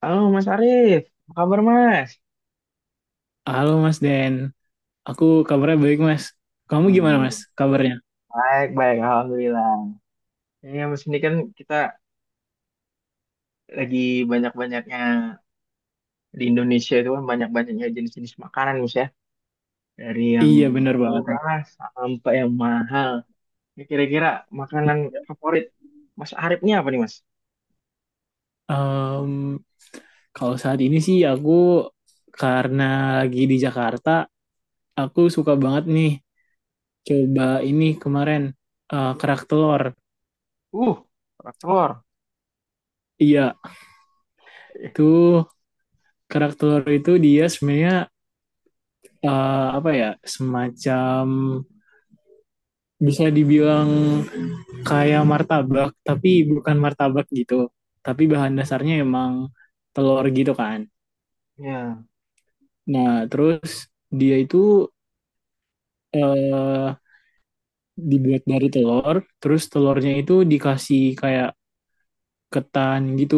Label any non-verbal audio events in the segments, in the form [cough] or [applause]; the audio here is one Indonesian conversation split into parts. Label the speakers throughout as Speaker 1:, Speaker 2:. Speaker 1: Halo Mas Arief, apa kabar Mas?
Speaker 2: Halo Mas Den, aku kabarnya baik Mas. Kamu
Speaker 1: Oh
Speaker 2: gimana
Speaker 1: iya,
Speaker 2: Mas kabarnya?
Speaker 1: baik, baik, alhamdulillah. Ya, Mas ini kan kita lagi banyak-banyaknya di Indonesia itu kan banyak-banyaknya jenis-jenis makanan Mas ya. Dari yang
Speaker 2: Iya bener banget nih.
Speaker 1: murah sampai yang mahal. Ya, kira-kira makanan favorit Mas Arifnya apa nih Mas?
Speaker 2: Em, Kalau saat ini sih aku karena lagi di Jakarta, aku suka banget nih coba ini kemarin kerak telur.
Speaker 1: Uh, kerak telur.
Speaker 2: Iya,
Speaker 1: Eh,
Speaker 2: tuh kerak telur itu dia sebenarnya apa ya, semacam bisa dibilang kayak martabak, tapi bukan martabak gitu. Tapi bahan dasarnya emang telur gitu kan.
Speaker 1: ya.
Speaker 2: Nah, terus dia itu eh, dibuat dari telur, terus telurnya itu dikasih kayak ketan gitu.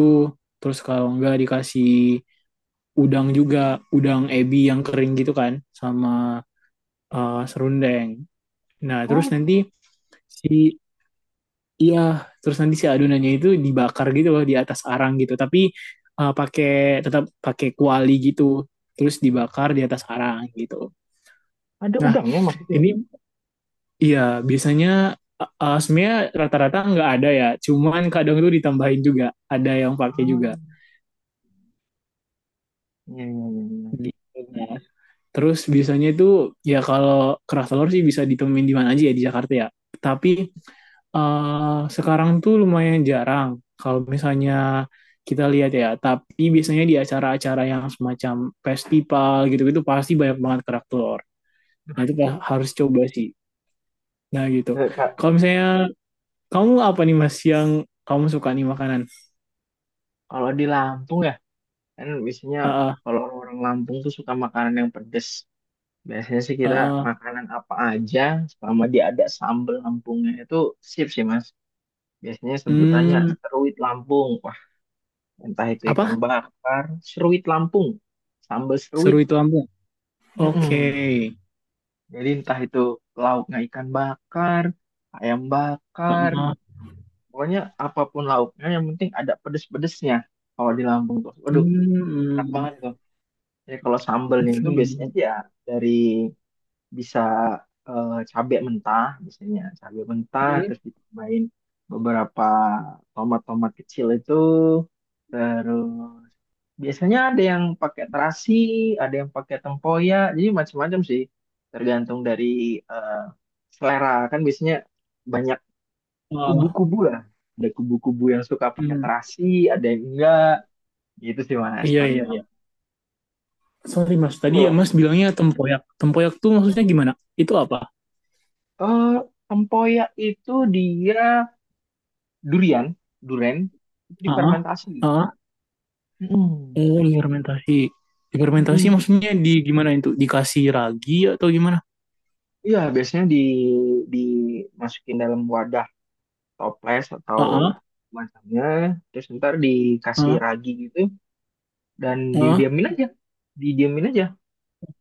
Speaker 2: Terus kalau enggak dikasih udang juga, udang ebi yang kering gitu kan, sama serundeng. Nah, terus
Speaker 1: Oh,
Speaker 2: nanti si iya, terus nanti si adonannya itu dibakar gitu loh di atas arang gitu, tapi pakai, tetap pakai kuali gitu. Terus dibakar di atas arang gitu.
Speaker 1: ada
Speaker 2: Nah,
Speaker 1: udangnya Mas itu ya?
Speaker 2: ini iya, biasanya sebenarnya rata-rata nggak ada ya, cuman kadang tuh ditambahin juga, ada yang pakai juga.
Speaker 1: Ah, iya, iya, iya, iya.
Speaker 2: Gitu. Nah, terus biasanya itu ya kalau keras telur sih bisa ditemuin di mana aja ya di Jakarta ya. Tapi sekarang tuh lumayan jarang kalau misalnya kita lihat ya. Tapi biasanya di acara-acara yang semacam festival gitu-gitu pasti banyak banget kerak telur. Nah itu harus coba sih. Nah gitu.
Speaker 1: Ya, Kak,
Speaker 2: Kalau misalnya kamu apa nih Mas yang kamu suka nih makanan?
Speaker 1: kalau di Lampung ya, kan biasanya
Speaker 2: Ah, ah,
Speaker 1: kalau orang Lampung tuh suka makanan yang pedes. Biasanya sih
Speaker 2: ah,
Speaker 1: kita
Speaker 2: ah.
Speaker 1: makanan apa aja selama dia ada sambal Lampungnya itu sip sih Mas. Biasanya sebutannya
Speaker 2: Hmm,
Speaker 1: seruit Lampung. Wah, entah itu ikan
Speaker 2: apa?
Speaker 1: bakar, seruit Lampung, sambal
Speaker 2: Seru
Speaker 1: seruit.
Speaker 2: itu Lampung. Oke.
Speaker 1: Mm-mm. Jadi entah itu lauknya ikan bakar, ayam
Speaker 2: Ah,
Speaker 1: bakar,
Speaker 2: ah.
Speaker 1: pokoknya apapun lauknya yang penting ada pedes-pedesnya kalau di Lampung tuh. Waduh, enak
Speaker 2: Hmm,
Speaker 1: banget tuh. Jadi kalau sambelnya itu
Speaker 2: oke.
Speaker 1: biasanya sih ya dari bisa cabe mentah, biasanya cabai mentah
Speaker 2: Hmm,
Speaker 1: terus ditambahin beberapa tomat-tomat kecil itu, terus biasanya ada yang pakai terasi, ada yang pakai tempoyak, jadi macam-macam sih, tergantung dari eh, selera kan biasanya banyak
Speaker 2: oh,
Speaker 1: kubu-kubu lah, ada kubu-kubu yang suka pakai
Speaker 2: hmm.
Speaker 1: terasi, ada yang enggak, gitu sih mas
Speaker 2: Iya,
Speaker 1: kalau di
Speaker 2: iya, iya.
Speaker 1: Lampung.
Speaker 2: Sorry Mas, tadi ya
Speaker 1: Kalau,
Speaker 2: Mas bilangnya tempoyak. Tempoyak tuh maksudnya gimana? Itu apa?
Speaker 1: eh, tempoyak itu dia durian, durian itu
Speaker 2: Ah, ah,
Speaker 1: difermentasi.
Speaker 2: ah, ah.
Speaker 1: Mm-mm.
Speaker 2: Oh, fermentasi. Fermentasi
Speaker 1: Mm-mm.
Speaker 2: maksudnya di gimana itu? Dikasih ragi atau gimana?
Speaker 1: Iya, biasanya di dimasukin dalam wadah toples
Speaker 2: Ah,
Speaker 1: atau
Speaker 2: ah,
Speaker 1: macamnya, terus ntar dikasih
Speaker 2: ah,
Speaker 1: ragi gitu dan
Speaker 2: ah.
Speaker 1: didiamin aja, didiamin aja.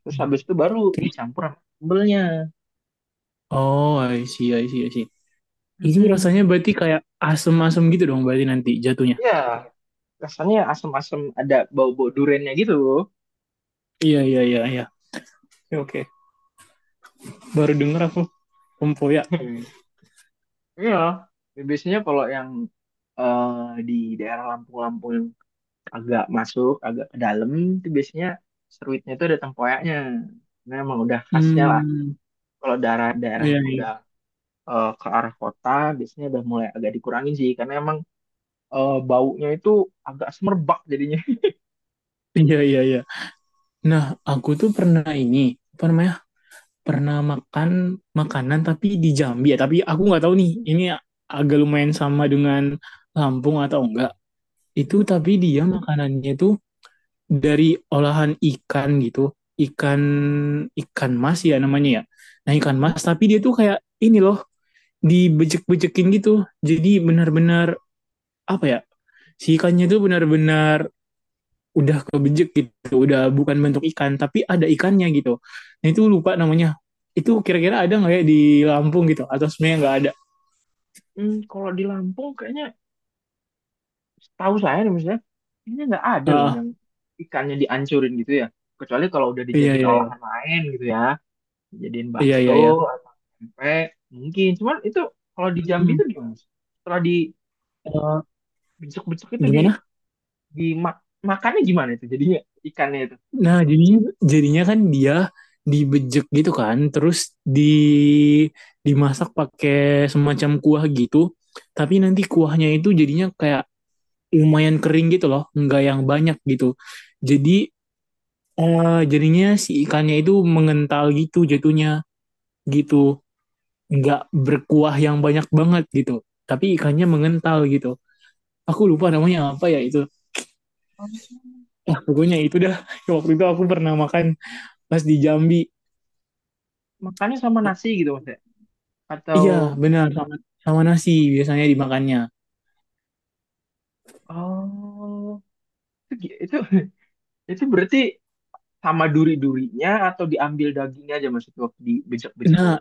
Speaker 1: Terus habis itu baru
Speaker 2: Terus?
Speaker 1: dicampur sama sambelnya.
Speaker 2: Oh, I see, I see, I see. Itu rasanya
Speaker 1: Mm-mm.
Speaker 2: berarti kayak asem-asem gitu dong berarti nanti jatuhnya.
Speaker 1: Iya, rasanya asam-asam ada bau-bau duriannya gitu.
Speaker 2: Iya, iya, iya, iya. Oke, oke. Baru denger aku tempoyak.
Speaker 1: [laughs] Iya, biasanya kalau yang di daerah Lampung-Lampung yang agak masuk, agak ke dalam, itu biasanya seruitnya itu ada tempoyaknya. Nah, emang udah khasnya lah.
Speaker 2: Hmm,
Speaker 1: Kalau daerah-daerah
Speaker 2: iya,
Speaker 1: yang
Speaker 2: iya.
Speaker 1: udah ke arah kota, biasanya udah mulai agak dikurangin sih, karena emang baunya itu agak semerbak jadinya.
Speaker 2: Iya, iya, iya. Nah, aku tuh pernah ini, apa namanya? Pernah makan makanan tapi di Jambi ya. Tapi aku nggak tahu nih, ini agak lumayan sama dengan Lampung atau enggak. Itu
Speaker 1: Hmm,
Speaker 2: tapi dia makanannya itu dari olahan ikan gitu. Ikan, ikan mas ya namanya ya. Nah, ikan
Speaker 1: hmm,
Speaker 2: mas, tapi dia tuh kayak ini loh, dibejek-bejekin gitu. Jadi benar-benar apa ya? Si ikannya tuh benar-benar udah kebejek gitu, udah bukan bentuk ikan tapi ada ikannya gitu. Nah itu lupa namanya. Itu kira-kira ada nggak ya di Lampung gitu? Atau sebenarnya nggak ada?
Speaker 1: kalau di Lampung kayaknya setahu saya nih misalnya, kayaknya nggak ada loh
Speaker 2: Ah,
Speaker 1: yang ikannya dihancurin gitu ya. Kecuali kalau udah
Speaker 2: iya,
Speaker 1: dijadiin
Speaker 2: iya, iya,
Speaker 1: olahan lain gitu ya, dijadiin
Speaker 2: iya,
Speaker 1: bakso
Speaker 2: iya, iya.
Speaker 1: atau tempe, mungkin. Cuman itu kalau di Jambi
Speaker 2: Hmm,
Speaker 1: itu gimana sih? Setelah di
Speaker 2: eh,
Speaker 1: besok-besok itu di
Speaker 2: gimana?
Speaker 1: di mak makannya gimana itu jadinya ikannya itu?
Speaker 2: Nah jadinya jadinya kan dia dibejek gitu kan, terus di dimasak pakai semacam kuah gitu. Tapi nanti kuahnya itu jadinya kayak lumayan kering gitu loh, nggak yang banyak gitu. Jadi jadinya si ikannya itu mengental gitu jatuhnya gitu, nggak berkuah yang banyak banget gitu. Tapi ikannya mengental gitu. Aku lupa namanya apa ya itu.
Speaker 1: Oh,
Speaker 2: Ah, pokoknya itu dah. [laughs] Waktu itu aku pernah makan pas di Jambi.
Speaker 1: makannya sama nasi gitu mas ya? Atau
Speaker 2: Iya, benar sama, sama nasi biasanya dimakannya.
Speaker 1: oh itu itu, [laughs] itu berarti sama duri-durinya atau diambil dagingnya aja mas itu waktu di becek-becek
Speaker 2: Nah,
Speaker 1: itu?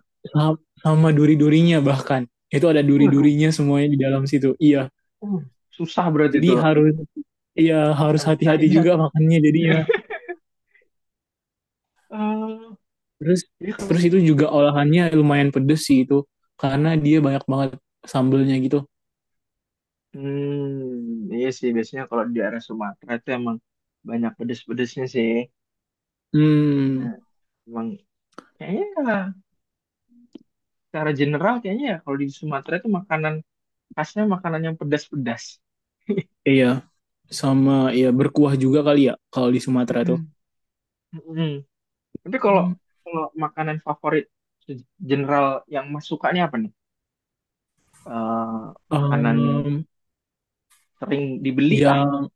Speaker 2: sama duri-durinya bahkan. Itu ada
Speaker 1: Waduh,
Speaker 2: duri-durinya semuanya di dalam situ. Iya.
Speaker 1: uh, susah berarti
Speaker 2: Jadi
Speaker 1: itu.
Speaker 2: harus iya, harus hati-hati juga
Speaker 1: Misalnya,
Speaker 2: makannya jadinya.
Speaker 1: eh
Speaker 2: Terus
Speaker 1: jadi kalau
Speaker 2: terus itu juga olahannya lumayan pedes sih itu karena dia banyak banget sambelnya gitu.
Speaker 1: hmm, iya sih biasanya kalau di daerah Sumatera itu emang banyak pedes-pedesnya sih.
Speaker 2: Hmm,
Speaker 1: Nah, emang kayaknya secara general kayaknya ya kalau di Sumatera itu makanan khasnya makanan yang pedas-pedas.
Speaker 2: iya sama ya berkuah juga kali ya kalau di Sumatera tuh.
Speaker 1: Mm-mm. Mm-mm. Tapi kalau
Speaker 2: Hmm.
Speaker 1: kalau makanan favorit se- general yang mas sukanya apa nih? Eh, makanan yang
Speaker 2: Em,
Speaker 1: sering dibeli lah.
Speaker 2: yang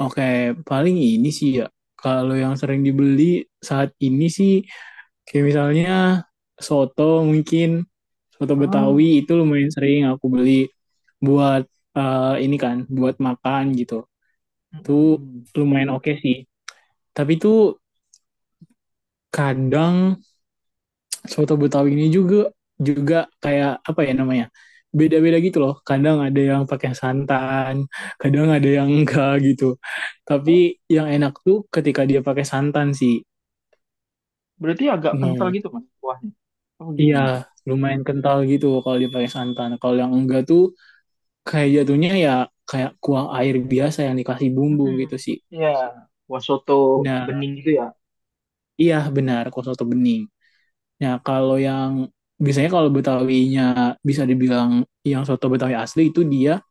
Speaker 2: oke paling ini sih ya kalau yang sering dibeli saat ini sih kayak misalnya soto mungkin soto Betawi
Speaker 1: Oh.
Speaker 2: itu lumayan sering aku beli buat ini kan buat makan gitu. Tuh
Speaker 1: Mm-mm.
Speaker 2: lumayan oke sih. Tapi tuh kadang soto Betawi ini juga juga kayak apa ya namanya beda-beda gitu loh, kadang ada yang pakai santan kadang ada yang enggak gitu,
Speaker 1: Oh,
Speaker 2: tapi yang enak tuh ketika dia pakai santan sih.
Speaker 1: berarti agak kental
Speaker 2: Hmm.
Speaker 1: gitu mas kuahnya. Oh
Speaker 2: Iya
Speaker 1: gimana tuh?
Speaker 2: lumayan kental gitu kalau dia pakai santan, kalau yang enggak tuh kayak jatuhnya ya kayak kuah air biasa yang dikasih bumbu
Speaker 1: Mm-mm.
Speaker 2: gitu sih.
Speaker 1: Ya, kuah soto
Speaker 2: Nah
Speaker 1: bening gitu ya.
Speaker 2: iya benar, kalau soto bening. Nah, kalau yang biasanya kalau Betawinya bisa dibilang yang soto Betawi asli itu dia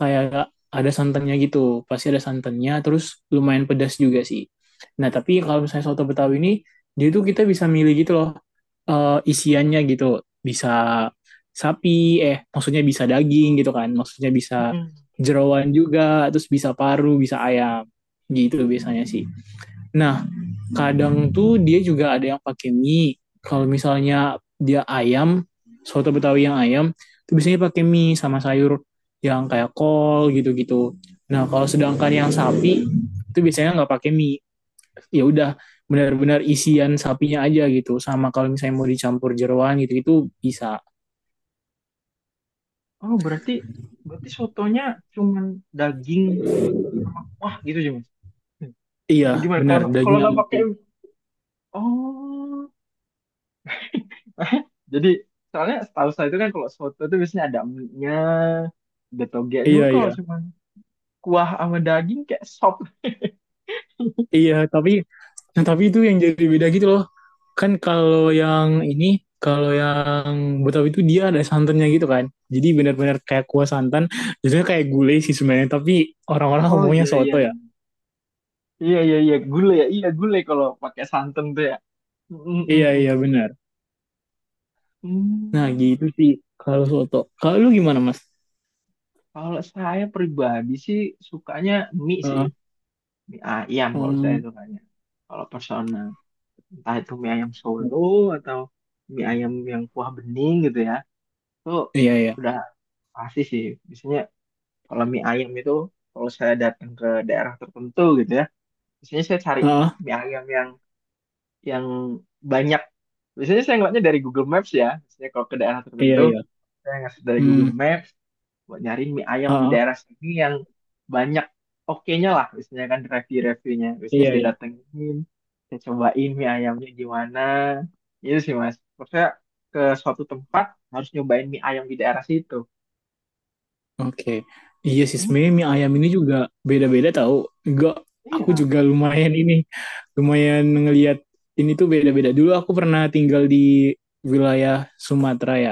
Speaker 2: kayak ada santannya gitu. Pasti ada santannya, terus lumayan pedas juga sih. Nah, tapi kalau misalnya soto Betawi ini, dia tuh kita bisa milih gitu loh isiannya gitu. Bisa sapi, eh maksudnya bisa daging gitu kan. Maksudnya bisa
Speaker 1: Mm-mm.
Speaker 2: jeroan juga, terus bisa paru, bisa ayam. Gitu biasanya sih. Nah, kadang tuh dia juga ada yang pakai mie kalau misalnya dia ayam, soto betawi yang ayam itu biasanya pakai mie sama sayur yang kayak kol gitu-gitu. Nah kalau sedangkan yang sapi itu biasanya nggak pakai mie, ya udah benar-benar isian sapinya aja gitu, sama kalau misalnya mau dicampur jeroan gitu itu bisa.
Speaker 1: Oh berarti berarti sotonya cuman daging sama kuah gitu aja mas.
Speaker 2: Iya
Speaker 1: Apa gimana
Speaker 2: benar,
Speaker 1: kalau kalau
Speaker 2: daging
Speaker 1: nggak
Speaker 2: sama
Speaker 1: pakai
Speaker 2: kuah.
Speaker 1: oh [laughs] jadi soalnya setahu saya itu kan kalau soto itu biasanya ada mie-nya ada togenya. Cuma
Speaker 2: Iya, iya,
Speaker 1: kalau cuman kuah sama daging kayak sop.
Speaker 2: iya, tapi nah, tapi itu yang jadi beda gitu loh. Kan kalau yang ini, kalau yang Betawi itu dia ada santannya gitu kan. Jadi benar-benar kayak kuah santan, jadinya kayak gulai sih sebenarnya. Tapi orang-orang
Speaker 1: Oh
Speaker 2: ngomongnya
Speaker 1: iya iya,
Speaker 2: soto ya.
Speaker 1: iya iya iya, gulai ya, iya gulai kalau pakai santan tuh ya. Mm, mm,
Speaker 2: Iya,
Speaker 1: mm.
Speaker 2: iya benar. Nah,
Speaker 1: Hmm,
Speaker 2: gitu sih kalau soto. Kalau lu gimana, Mas?
Speaker 1: kalau saya pribadi sih sukanya mie sih,
Speaker 2: Heeh.
Speaker 1: mie ayam kalau saya
Speaker 2: Hmm,
Speaker 1: sukanya, kalau personal entah itu mie ayam Solo atau mie ayam yang kuah bening gitu ya, itu
Speaker 2: iya, iya.
Speaker 1: udah pasti sih. Biasanya kalau mie ayam itu kalau saya datang ke daerah tertentu gitu ya, biasanya saya cari
Speaker 2: Heeh,
Speaker 1: mie ayam yang yang banyak. Biasanya saya ngeliatnya dari Google Maps ya, biasanya kalau ke daerah
Speaker 2: iya,
Speaker 1: tertentu
Speaker 2: iya.
Speaker 1: saya ngasih dari
Speaker 2: Hmm,
Speaker 1: Google Maps buat nyari mie ayam di
Speaker 2: heeh,
Speaker 1: daerah sini yang banyak oke-nya lah, biasanya kan review-reviewnya. Biasanya
Speaker 2: iya,
Speaker 1: saya
Speaker 2: iya.
Speaker 1: datengin, saya cobain mie ayamnya gimana. Itu sih mas, maksudnya ke suatu tempat harus nyobain mie ayam di daerah situ.
Speaker 2: Oke. Iya sih
Speaker 1: Hmm,
Speaker 2: sebenarnya mie ayam ini juga beda-beda tahu. Enggak, aku
Speaker 1: iya.
Speaker 2: juga lumayan ini lumayan ngelihat ini tuh beda-beda. Dulu aku pernah tinggal di wilayah Sumatera ya.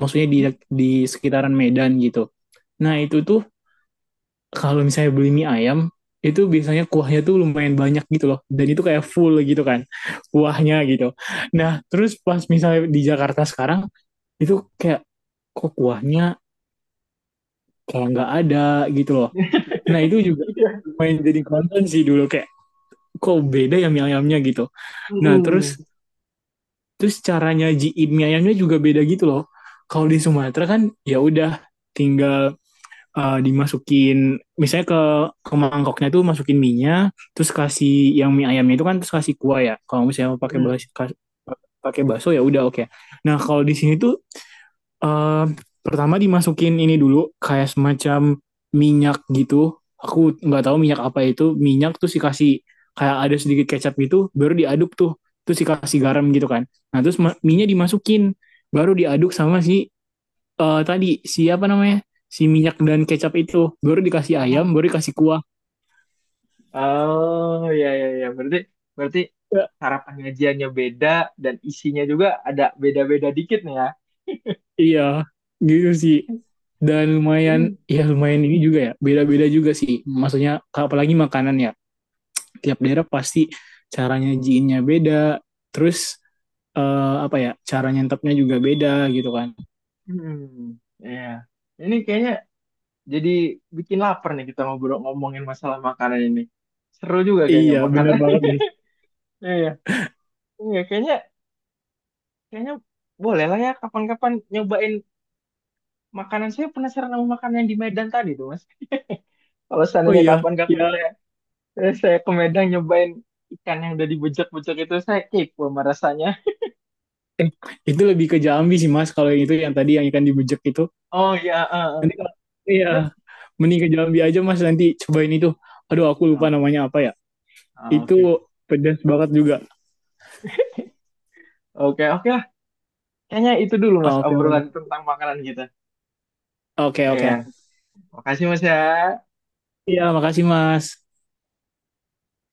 Speaker 2: Maksudnya di
Speaker 1: Hmm.
Speaker 2: di sekitaran Medan gitu. Nah, itu tuh kalau misalnya beli mie ayam itu biasanya kuahnya tuh lumayan banyak gitu loh. Dan itu kayak full gitu kan kuahnya gitu. Nah, terus pas misalnya di Jakarta sekarang itu kayak kok kuahnya kayak nggak ada gitu loh. Nah
Speaker 1: [laughs]
Speaker 2: itu juga
Speaker 1: Iya.
Speaker 2: main jadi konten sih dulu kayak kok beda ya mie ayamnya gitu. Nah terus
Speaker 1: Mm-mm.
Speaker 2: terus caranya nyajiin mie ayamnya juga beda gitu loh. Kalau di Sumatera kan ya udah tinggal dimasukin misalnya ke mangkoknya tuh masukin minyak terus kasih yang mie ayamnya itu kan terus kasih kuah ya. Kalau misalnya pakai
Speaker 1: Mm-mm.
Speaker 2: pakai bakso ya udah oke. Nah kalau di sini tuh Eh, pertama dimasukin ini dulu kayak semacam minyak gitu. Aku nggak tahu minyak apa itu. Minyak terus dikasih kayak ada sedikit kecap gitu, baru diaduk tuh. Terus dikasih garam gitu kan. Nah, terus minyak dimasukin, baru diaduk sama si tadi siapa namanya? Si minyak dan kecap itu. Baru dikasih ayam,
Speaker 1: Emang.
Speaker 2: baru dikasih kuah.
Speaker 1: Oh ya ya ya. Berarti berarti
Speaker 2: Ya,
Speaker 1: cara pengajiannya beda dan isinya juga ada beda-beda dikit nih ya.
Speaker 2: iya, gitu sih. Dan lumayan,
Speaker 1: Hmm.
Speaker 2: ya lumayan ini juga ya. Beda-beda juga sih. Maksudnya apalagi makanan ya. Tiap daerah pasti caranya nyajiinnya beda terus apa ya cara nyantapnya juga beda gitu kan.
Speaker 1: Ya. Ini kayaknya jadi bikin lapar nih kita ngobrol ngomongin masalah makanan ini. Seru juga kayaknya
Speaker 2: Iya benar
Speaker 1: makanan.
Speaker 2: banget
Speaker 1: [laughs]
Speaker 2: deh.
Speaker 1: Iya iya. Iya, kayaknya kayaknya boleh lah ya kapan-kapan nyobain makanan. Saya penasaran sama makanan yang di Medan tadi tuh, Mas. [laughs] Kalau
Speaker 2: Oh
Speaker 1: seandainya
Speaker 2: iya
Speaker 1: kapan-kapan
Speaker 2: ya.
Speaker 1: terus saya ke Medan nyobain ikan yang udah dibejek-bejek itu, saya kepo sama rasanya.
Speaker 2: eh itu lebih ke Jambi sih mas kalau itu yang tadi yang ikan dibejek itu,
Speaker 1: Oh ya, eh, eh.
Speaker 2: nanti kalau iya
Speaker 1: Itu-
Speaker 2: mending ke Jambi aja mas nanti cobain itu, aduh aku lupa
Speaker 1: oh,
Speaker 2: namanya apa ya
Speaker 1: ah,
Speaker 2: itu,
Speaker 1: oke,
Speaker 2: pedas banget juga.
Speaker 1: oke, oke lah. Kayaknya itu dulu mas
Speaker 2: Ah, oke
Speaker 1: obrolan
Speaker 2: Mas.
Speaker 1: tentang makanan kita.
Speaker 2: Oke oke.
Speaker 1: Iya, makasih mas ya.
Speaker 2: Iya makasih mas.